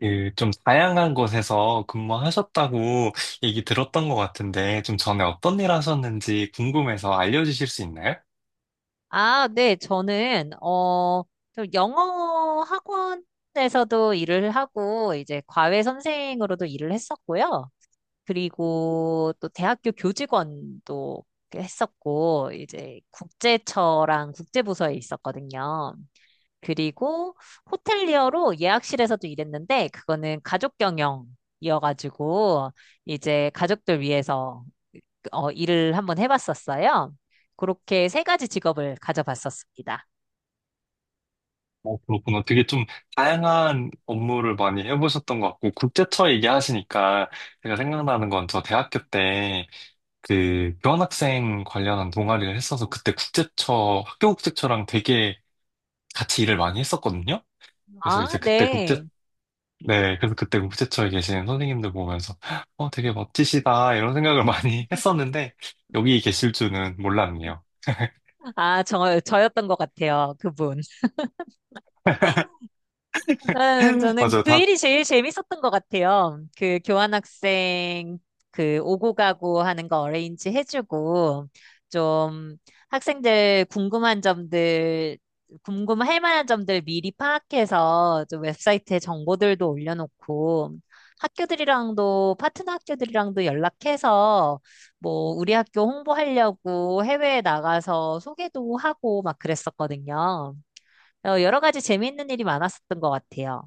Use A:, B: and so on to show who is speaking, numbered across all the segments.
A: 그 좀 다양한 곳에서 근무하셨다고 얘기 들었던 것 같은데, 좀 전에 어떤 일 하셨는지 궁금해서 알려주실 수 있나요?
B: 아, 네, 저는, 좀 영어 학원에서도 일을 하고, 이제 과외 선생으로도 일을 했었고요. 그리고 또 대학교 교직원도 했었고, 이제 국제처랑 국제부서에 있었거든요. 그리고 호텔리어로 예약실에서도 일했는데, 그거는 가족 경영이어가지고, 이제 가족들 위해서 일을 한번 해봤었어요. 그렇게 세 가지 직업을 가져봤었습니다.
A: 어, 그렇구나. 되게 좀 다양한 업무를 많이 해보셨던 것 같고, 국제처 얘기하시니까 제가 생각나는 건 저 대학교 때 그 교환학생 관련한 동아리를 했어서 그때 국제처, 학교 국제처랑 되게 같이 일을 많이 했었거든요. 그래서
B: 아,
A: 이제 그때 국제
B: 네.
A: 네, 그래서 그때 우체처에 계시는 선생님들 보면서, 어, 되게 멋지시다, 이런 생각을 많이 했었는데, 여기 계실 줄은 몰랐네요.
B: 아, 저였던 것 같아요. 그분. 저는
A: 맞아요.
B: 그
A: 다
B: 일이 제일 재밌었던 것 같아요. 그 교환학생 그 오고 가고 하는 거 어레인지 해주고 좀 학생들 궁금한 점들 궁금할 만한 점들 미리 파악해서 좀 웹사이트에 정보들도 올려놓고 학교들이랑도 파트너 학교들이랑도 연락해서 뭐 우리 학교 홍보하려고 해외에 나가서 소개도 하고 막 그랬었거든요. 여러 가지 재미있는 일이 많았었던 것 같아요.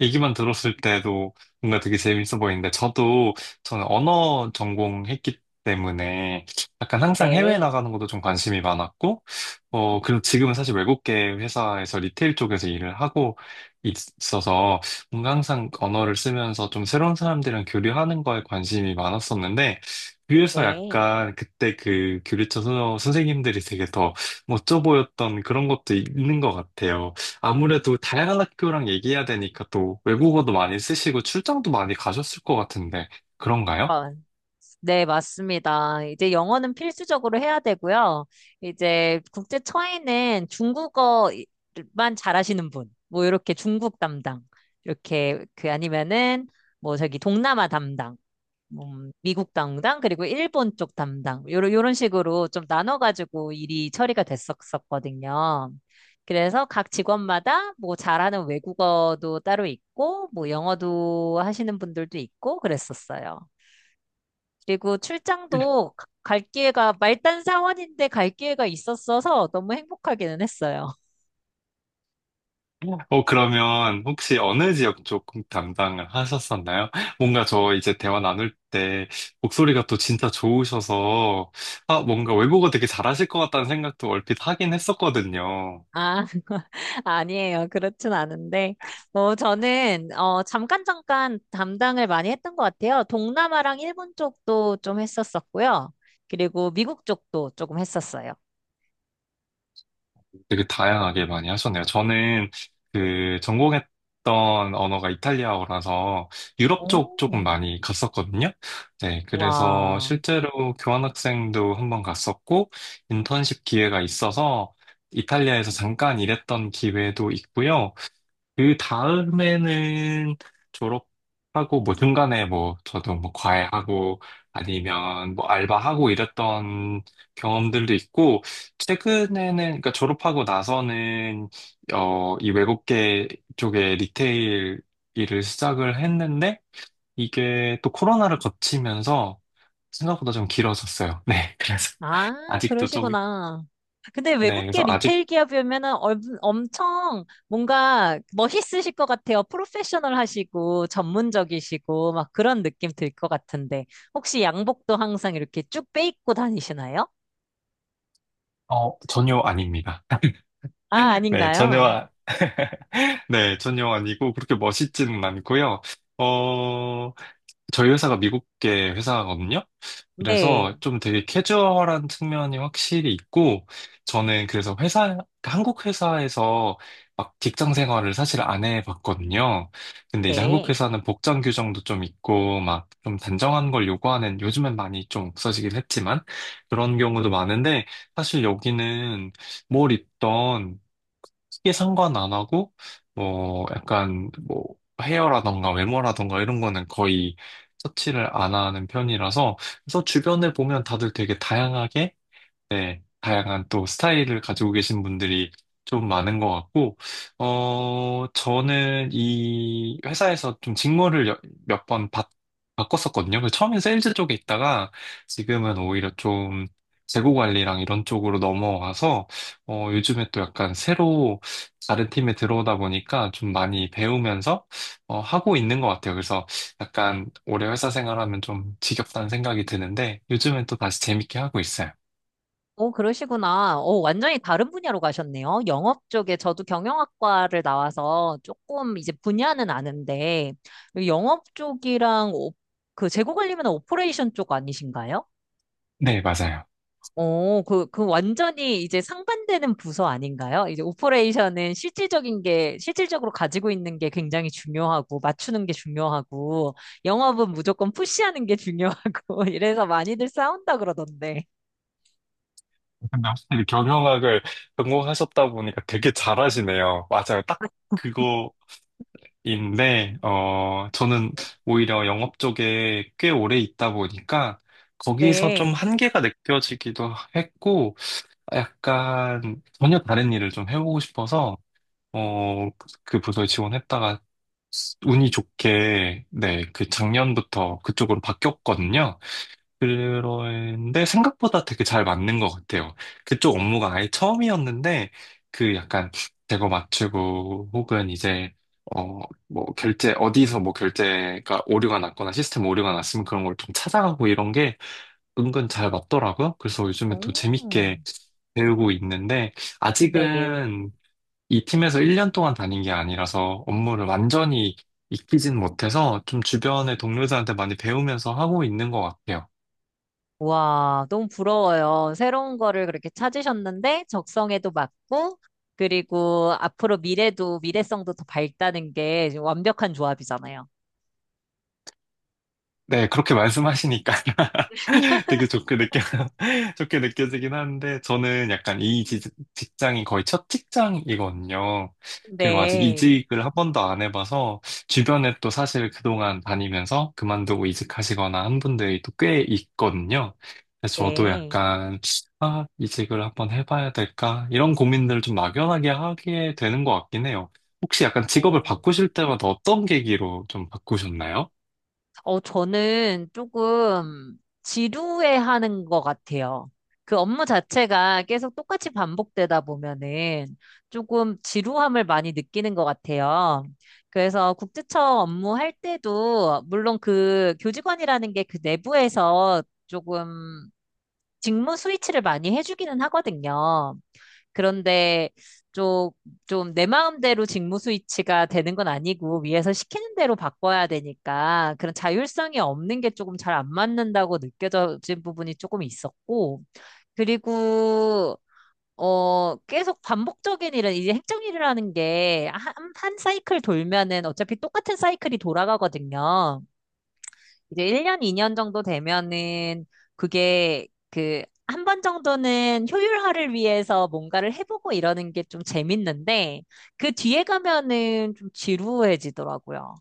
A: 얘기만 들었을 때도 뭔가 되게 재밌어 보이는데, 저도, 저는 언어 전공했기 때문에 약간 항상 해외
B: 네,
A: 나가는 것도 좀 관심이 많았고, 어, 그리고
B: 음.
A: 지금은 사실 외국계 회사에서 리테일 쪽에서 일을 하고 있어서 뭔가 항상 언어를 쓰면서 좀 새로운 사람들이랑 교류하는 거에 관심이 많았었는데, 그래서
B: 네.
A: 약간 그때 그 교류처 선생님들이 되게 더 멋져 보였던 그런 것도 있는 것 같아요. 아무래도 다양한 학교랑 얘기해야 되니까 또 외국어도 많이 쓰시고 출장도 많이 가셨을 것 같은데 그런가요?
B: 마- 네, 맞습니다. 이제 영어는 필수적으로 해야 되고요. 이제 국제 처에는 중국어만 잘하시는 분, 뭐 이렇게 중국 담당, 이렇게 그 아니면은 뭐 저기 동남아 담당, 미국 담당 그리고 일본 쪽 담당 요런 요런 식으로 좀 나눠가지고 일이 처리가 됐었었거든요. 그래서 각 직원마다 뭐 잘하는 외국어도 따로 있고 뭐 영어도 하시는 분들도 있고 그랬었어요. 그리고 출장도 갈 기회가 말단 사원인데 갈 기회가 있었어서 너무 행복하기는 했어요.
A: 어, 그러면 혹시 어느 지역 쪽 담당을 하셨었나요? 뭔가 저 이제 대화 나눌 때 목소리가 또 진짜 좋으셔서 아, 뭔가 외국어 되게 잘하실 것 같다는 생각도 얼핏 하긴 했었거든요.
B: 아, 아니에요. 그렇진 않은데. 뭐, 저는, 잠깐 담당을 많이 했던 것 같아요. 동남아랑 일본 쪽도 좀 했었었고요. 그리고 미국 쪽도 조금 했었어요.
A: 되게 다양하게 많이 하셨네요. 저는 그 전공했던 언어가 이탈리아어라서 유럽 쪽 조금
B: 오.
A: 많이 갔었거든요. 네, 그래서
B: 와.
A: 실제로 교환학생도 한번 갔었고 인턴십 기회가 있어서 이탈리아에서 잠깐 일했던 기회도 있고요. 그 다음에는 졸업하고 뭐 중간에 뭐 저도 뭐 과외하고 아니면 뭐 알바하고 이랬던 경험들도 있고 최근에는 그러니까 졸업하고 나서는 어 이 외국계 쪽에 리테일 일을 시작을 했는데 이게 또 코로나를 거치면서 생각보다 좀 길어졌어요. 네, 그래서
B: 아,
A: 아직도 좀
B: 그러시구나. 아, 근데
A: 네,
B: 외국계
A: 그래서 아직
B: 리테일 기업이면은 엄청 뭔가 멋있으실 것 같아요. 프로페셔널 하시고, 전문적이시고, 막 그런 느낌 들 것 같은데. 혹시 양복도 항상 이렇게 쭉 빼입고 다니시나요?
A: 어 전혀 아닙니다.
B: 아,
A: 네, 전혀
B: 아닌가요?
A: 네, 전혀 아니고 그렇게 멋있지는 않고요. 어, 저희 회사가 미국계 회사거든요. 그래서
B: 네,
A: 좀 되게 캐주얼한 측면이 확실히 있고, 저는 그래서 회사, 한국 회사에서 막 직장 생활을 사실 안 해봤거든요. 근데 이제 한국
B: 네.
A: 회사는 복장 규정도 좀 있고, 막 좀 단정한 걸 요구하는, 요즘엔 많이 좀 없어지긴 했지만, 그런 경우도 많은데, 사실 여기는 뭘 입던 크게 상관 안 하고, 뭐, 약간, 뭐, 헤어라던가 외모라던가 이런 거는 거의 서치를 안 하는 편이라서 그래서 주변을 보면 다들 되게 다양하게 네, 다양한 또 스타일을 가지고 계신 분들이 좀 많은 것 같고, 어, 저는 이 회사에서 좀 직무를 몇 번 바꿨었거든요. 그래서 처음엔 세일즈 쪽에 있다가 지금은 오히려 좀 재고 관리랑 이런 쪽으로 넘어와서, 어, 요즘에 또 약간 새로 다른 팀에 들어오다 보니까 좀 많이 배우면서, 어, 하고 있는 것 같아요. 그래서 약간 오래 회사 생활하면 좀 지겹다는 생각이 드는데, 요즘엔 또 다시 재밌게 하고 있어요.
B: 오, 그러시구나. 오, 완전히 다른 분야로 가셨네요. 영업 쪽에 저도 경영학과를 나와서 조금 이제 분야는 아는데, 영업 쪽이랑 그 재고 관리면 오퍼레이션 쪽 아니신가요?
A: 네, 맞아요.
B: 오, 그 완전히 이제 상반되는 부서 아닌가요? 이제 오퍼레이션은 실질적인 게, 실질적으로 가지고 있는 게 굉장히 중요하고, 맞추는 게 중요하고, 영업은 무조건 푸시하는 게 중요하고, 이래서 많이들 싸운다 그러던데.
A: 근데 확실히 경영학을 전공하셨다 보니까 되게 잘하시네요. 맞아요. 딱 그거인데, 어, 저는 오히려 영업 쪽에 꽤 오래 있다 보니까 거기서 좀
B: 네.
A: 한계가 느껴지기도 했고, 약간 전혀 다른 일을 좀 해보고 싶어서, 어, 그 부서에 지원했다가 운이 좋게, 네, 그 작년부터 그쪽으로 바뀌었거든요. 그런데 생각보다 되게 잘 맞는 것 같아요. 그쪽 업무가 아예 처음이었는데, 그 약간 재고 맞추고, 혹은 이제, 어, 뭐, 결제, 어디서 뭐 결제가 오류가 났거나 시스템 오류가 났으면 그런 걸 좀 찾아가고 이런 게 은근 잘 맞더라고요. 그래서 요즘에 또
B: 오.
A: 재밌게 배우고 있는데,
B: 네.
A: 아직은 이 팀에서 1년 동안 다닌 게 아니라서 업무를 완전히 익히진 못해서 좀 주변의 동료들한테 많이 배우면서 하고 있는 것 같아요.
B: 와, 너무 부러워요. 새로운 거를 그렇게 찾으셨는데 적성에도 맞고 그리고 앞으로 미래도 미래성도 더 밝다는 게 지금 완벽한 조합이잖아요.
A: 네, 그렇게 말씀하시니까 되게 좋게 느껴, 좋게 느껴지긴 하는데, 저는 약간 이 직장이 거의 첫 직장이거든요. 그리고 아직
B: 네.
A: 이직을 한 번도 안 해봐서, 주변에 또 사실 그동안 다니면서 그만두고 이직하시거나 한 분들이 또 꽤 있거든요. 그래서 저도
B: 네.
A: 약간, 아, 이직을 한번 해봐야 될까? 이런 고민들을 좀 막연하게 하게 되는 것 같긴 해요. 혹시 약간 직업을
B: 오.
A: 바꾸실 때마다 어떤 계기로 좀 바꾸셨나요?
B: 저는 조금 지루해하는 것 같아요. 그 업무 자체가 계속 똑같이 반복되다 보면은 조금 지루함을 많이 느끼는 것 같아요. 그래서 국제청 업무할 때도 물론 그 교직원이라는 게 그 내부에서 조금 직무 스위치를 많이 해주기는 하거든요. 그런데 좀, 좀 내 마음대로 직무 스위치가 되는 건 아니고 위에서 시키는 대로 바꿔야 되니까 그런 자율성이 없는 게 조금 잘 안 맞는다고 느껴진 부분이 조금 있었고 그리고 계속 반복적인 일은, 이제 행정일이라는 게, 한 사이클 돌면은 어차피 똑같은 사이클이 돌아가거든요. 이제 1년, 2년 정도 되면은 그게 그 한 번 정도는 효율화를 위해서 뭔가를 해보고 이러는 게 좀 재밌는데 그 뒤에 가면은 좀 지루해지더라고요.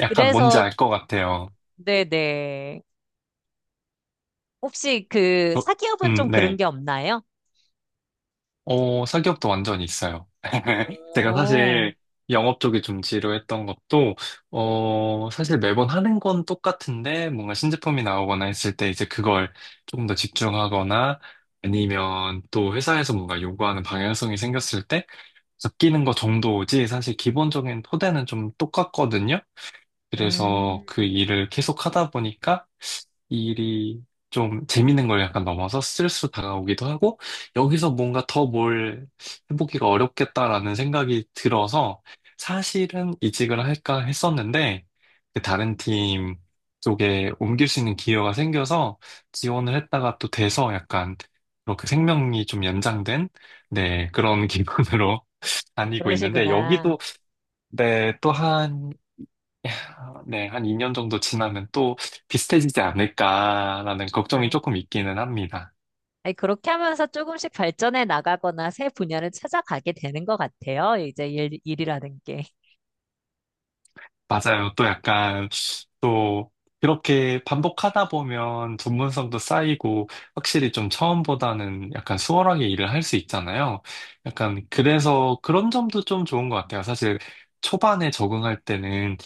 A: 약간 뭔지
B: 그래서
A: 알 것 같아요.
B: 네네. 혹시 그
A: 저,
B: 사기업은 좀 그런
A: 네.
B: 게 없나요?
A: 어, 사기업도 완전히 있어요. 제가
B: 오,
A: 사실 영업 쪽이 좀 지루했던 것도, 어, 사실 매번 하는 건 똑같은데, 뭔가 신제품이 나오거나 했을 때 이제 그걸 조금 더 집중하거나, 아니면 또 회사에서 뭔가 요구하는 방향성이 생겼을 때, 바뀌는 거 정도지, 사실 기본적인 토대는 좀 똑같거든요. 그래서
B: 음,
A: 그 일을 계속 하다 보니까 이 일이 좀 재밌는 걸 약간 넘어서 스트레스로 다가오기도 하고 여기서 뭔가 더 뭘 해보기가 어렵겠다라는 생각이 들어서 사실은 이직을 할까 했었는데 그 다른 팀 쪽에 옮길 수 있는 기회가 생겨서 지원을 했다가 또 돼서 약간 그렇게 생명이 좀 연장된 네 그런 기분으로 다니고 있는데
B: 그러시구나.
A: 여기도 네또한 아, 네, 한 2년 정도 지나면 또 비슷해지지 않을까라는 걱정이
B: 아,
A: 조금 있기는 합니다.
B: 아니, 그렇게 하면서 조금씩 발전해 나가거나 새 분야를 찾아가게 되는 것 같아요. 이제 일이라는 게.
A: 맞아요. 또 약간 또 그렇게 반복하다 보면 전문성도 쌓이고 확실히 좀 처음보다는 약간 수월하게 일을 할 수 있잖아요. 약간 그래서 그런 점도 좀 좋은 것 같아요. 사실 초반에 적응할 때는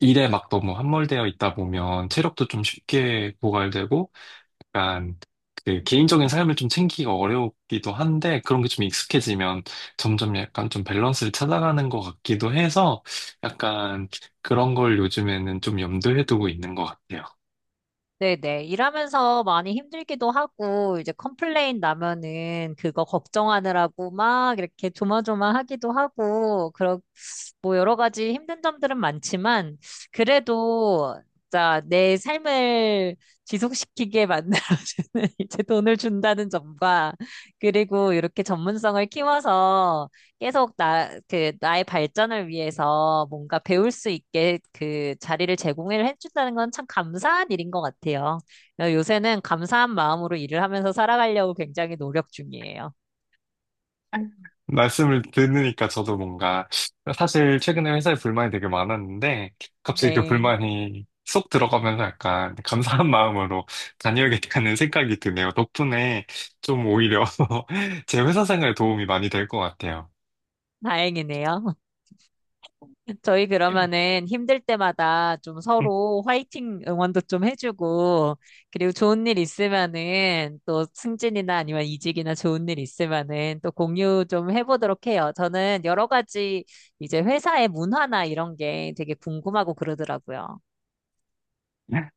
A: 일에 막 너무 함몰되어 있다 보면 체력도 좀 쉽게 고갈되고 약간 그 개인적인 삶을 좀 챙기기가 어려우기도 한데 그런 게 좀 익숙해지면 점점 약간 좀 밸런스를 찾아가는 것 같기도 해서 약간 그런 걸 요즘에는 좀 염두에 두고 있는 것 같아요.
B: 네네. 일하면서 많이 힘들기도 하고, 이제 컴플레인 나면은 그거 걱정하느라고 막 이렇게 조마조마 하기도 하고, 그런 뭐 여러 가지 힘든 점들은 많지만, 그래도 자 내 삶을 지속시키게 만들어주는 이제 돈을 준다는 점과, 그리고 이렇게 전문성을 키워서 계속 나의 발전을 위해서 뭔가 배울 수 있게 그 자리를 제공을 해준다는 건 참 감사한 일인 것 같아요. 요새는 감사한 마음으로 일을 하면서 살아가려고 굉장히 노력 중이에요.
A: 말씀을 듣으니까 저도 뭔가 사실 최근에 회사에 불만이 되게 많았는데 갑자기 그
B: 네,
A: 불만이 쏙 들어가면서 약간 감사한 마음으로 다녀야겠다는 생각이 드네요. 덕분에 좀 오히려 제 회사 생활에 도움이 많이 될 것 같아요.
B: 다행이네요. 저희 그러면은 힘들 때마다 좀 서로 화이팅 응원도 좀 해주고, 그리고 좋은 일 있으면은 또 승진이나 아니면 이직이나 좋은 일 있으면은 또 공유 좀 해보도록 해요. 저는 여러 가지 이제 회사의 문화나 이런 게 되게 궁금하고 그러더라고요.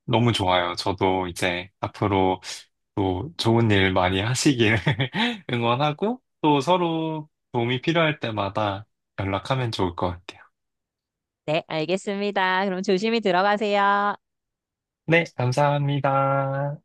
A: 너무 좋아요. 저도 이제 앞으로 또 좋은 일 많이 하시길 응원하고 또 서로 도움이 필요할 때마다 연락하면 좋을 것 같아요.
B: 네, 알겠습니다. 그럼 조심히 들어가세요.
A: 네, 감사합니다.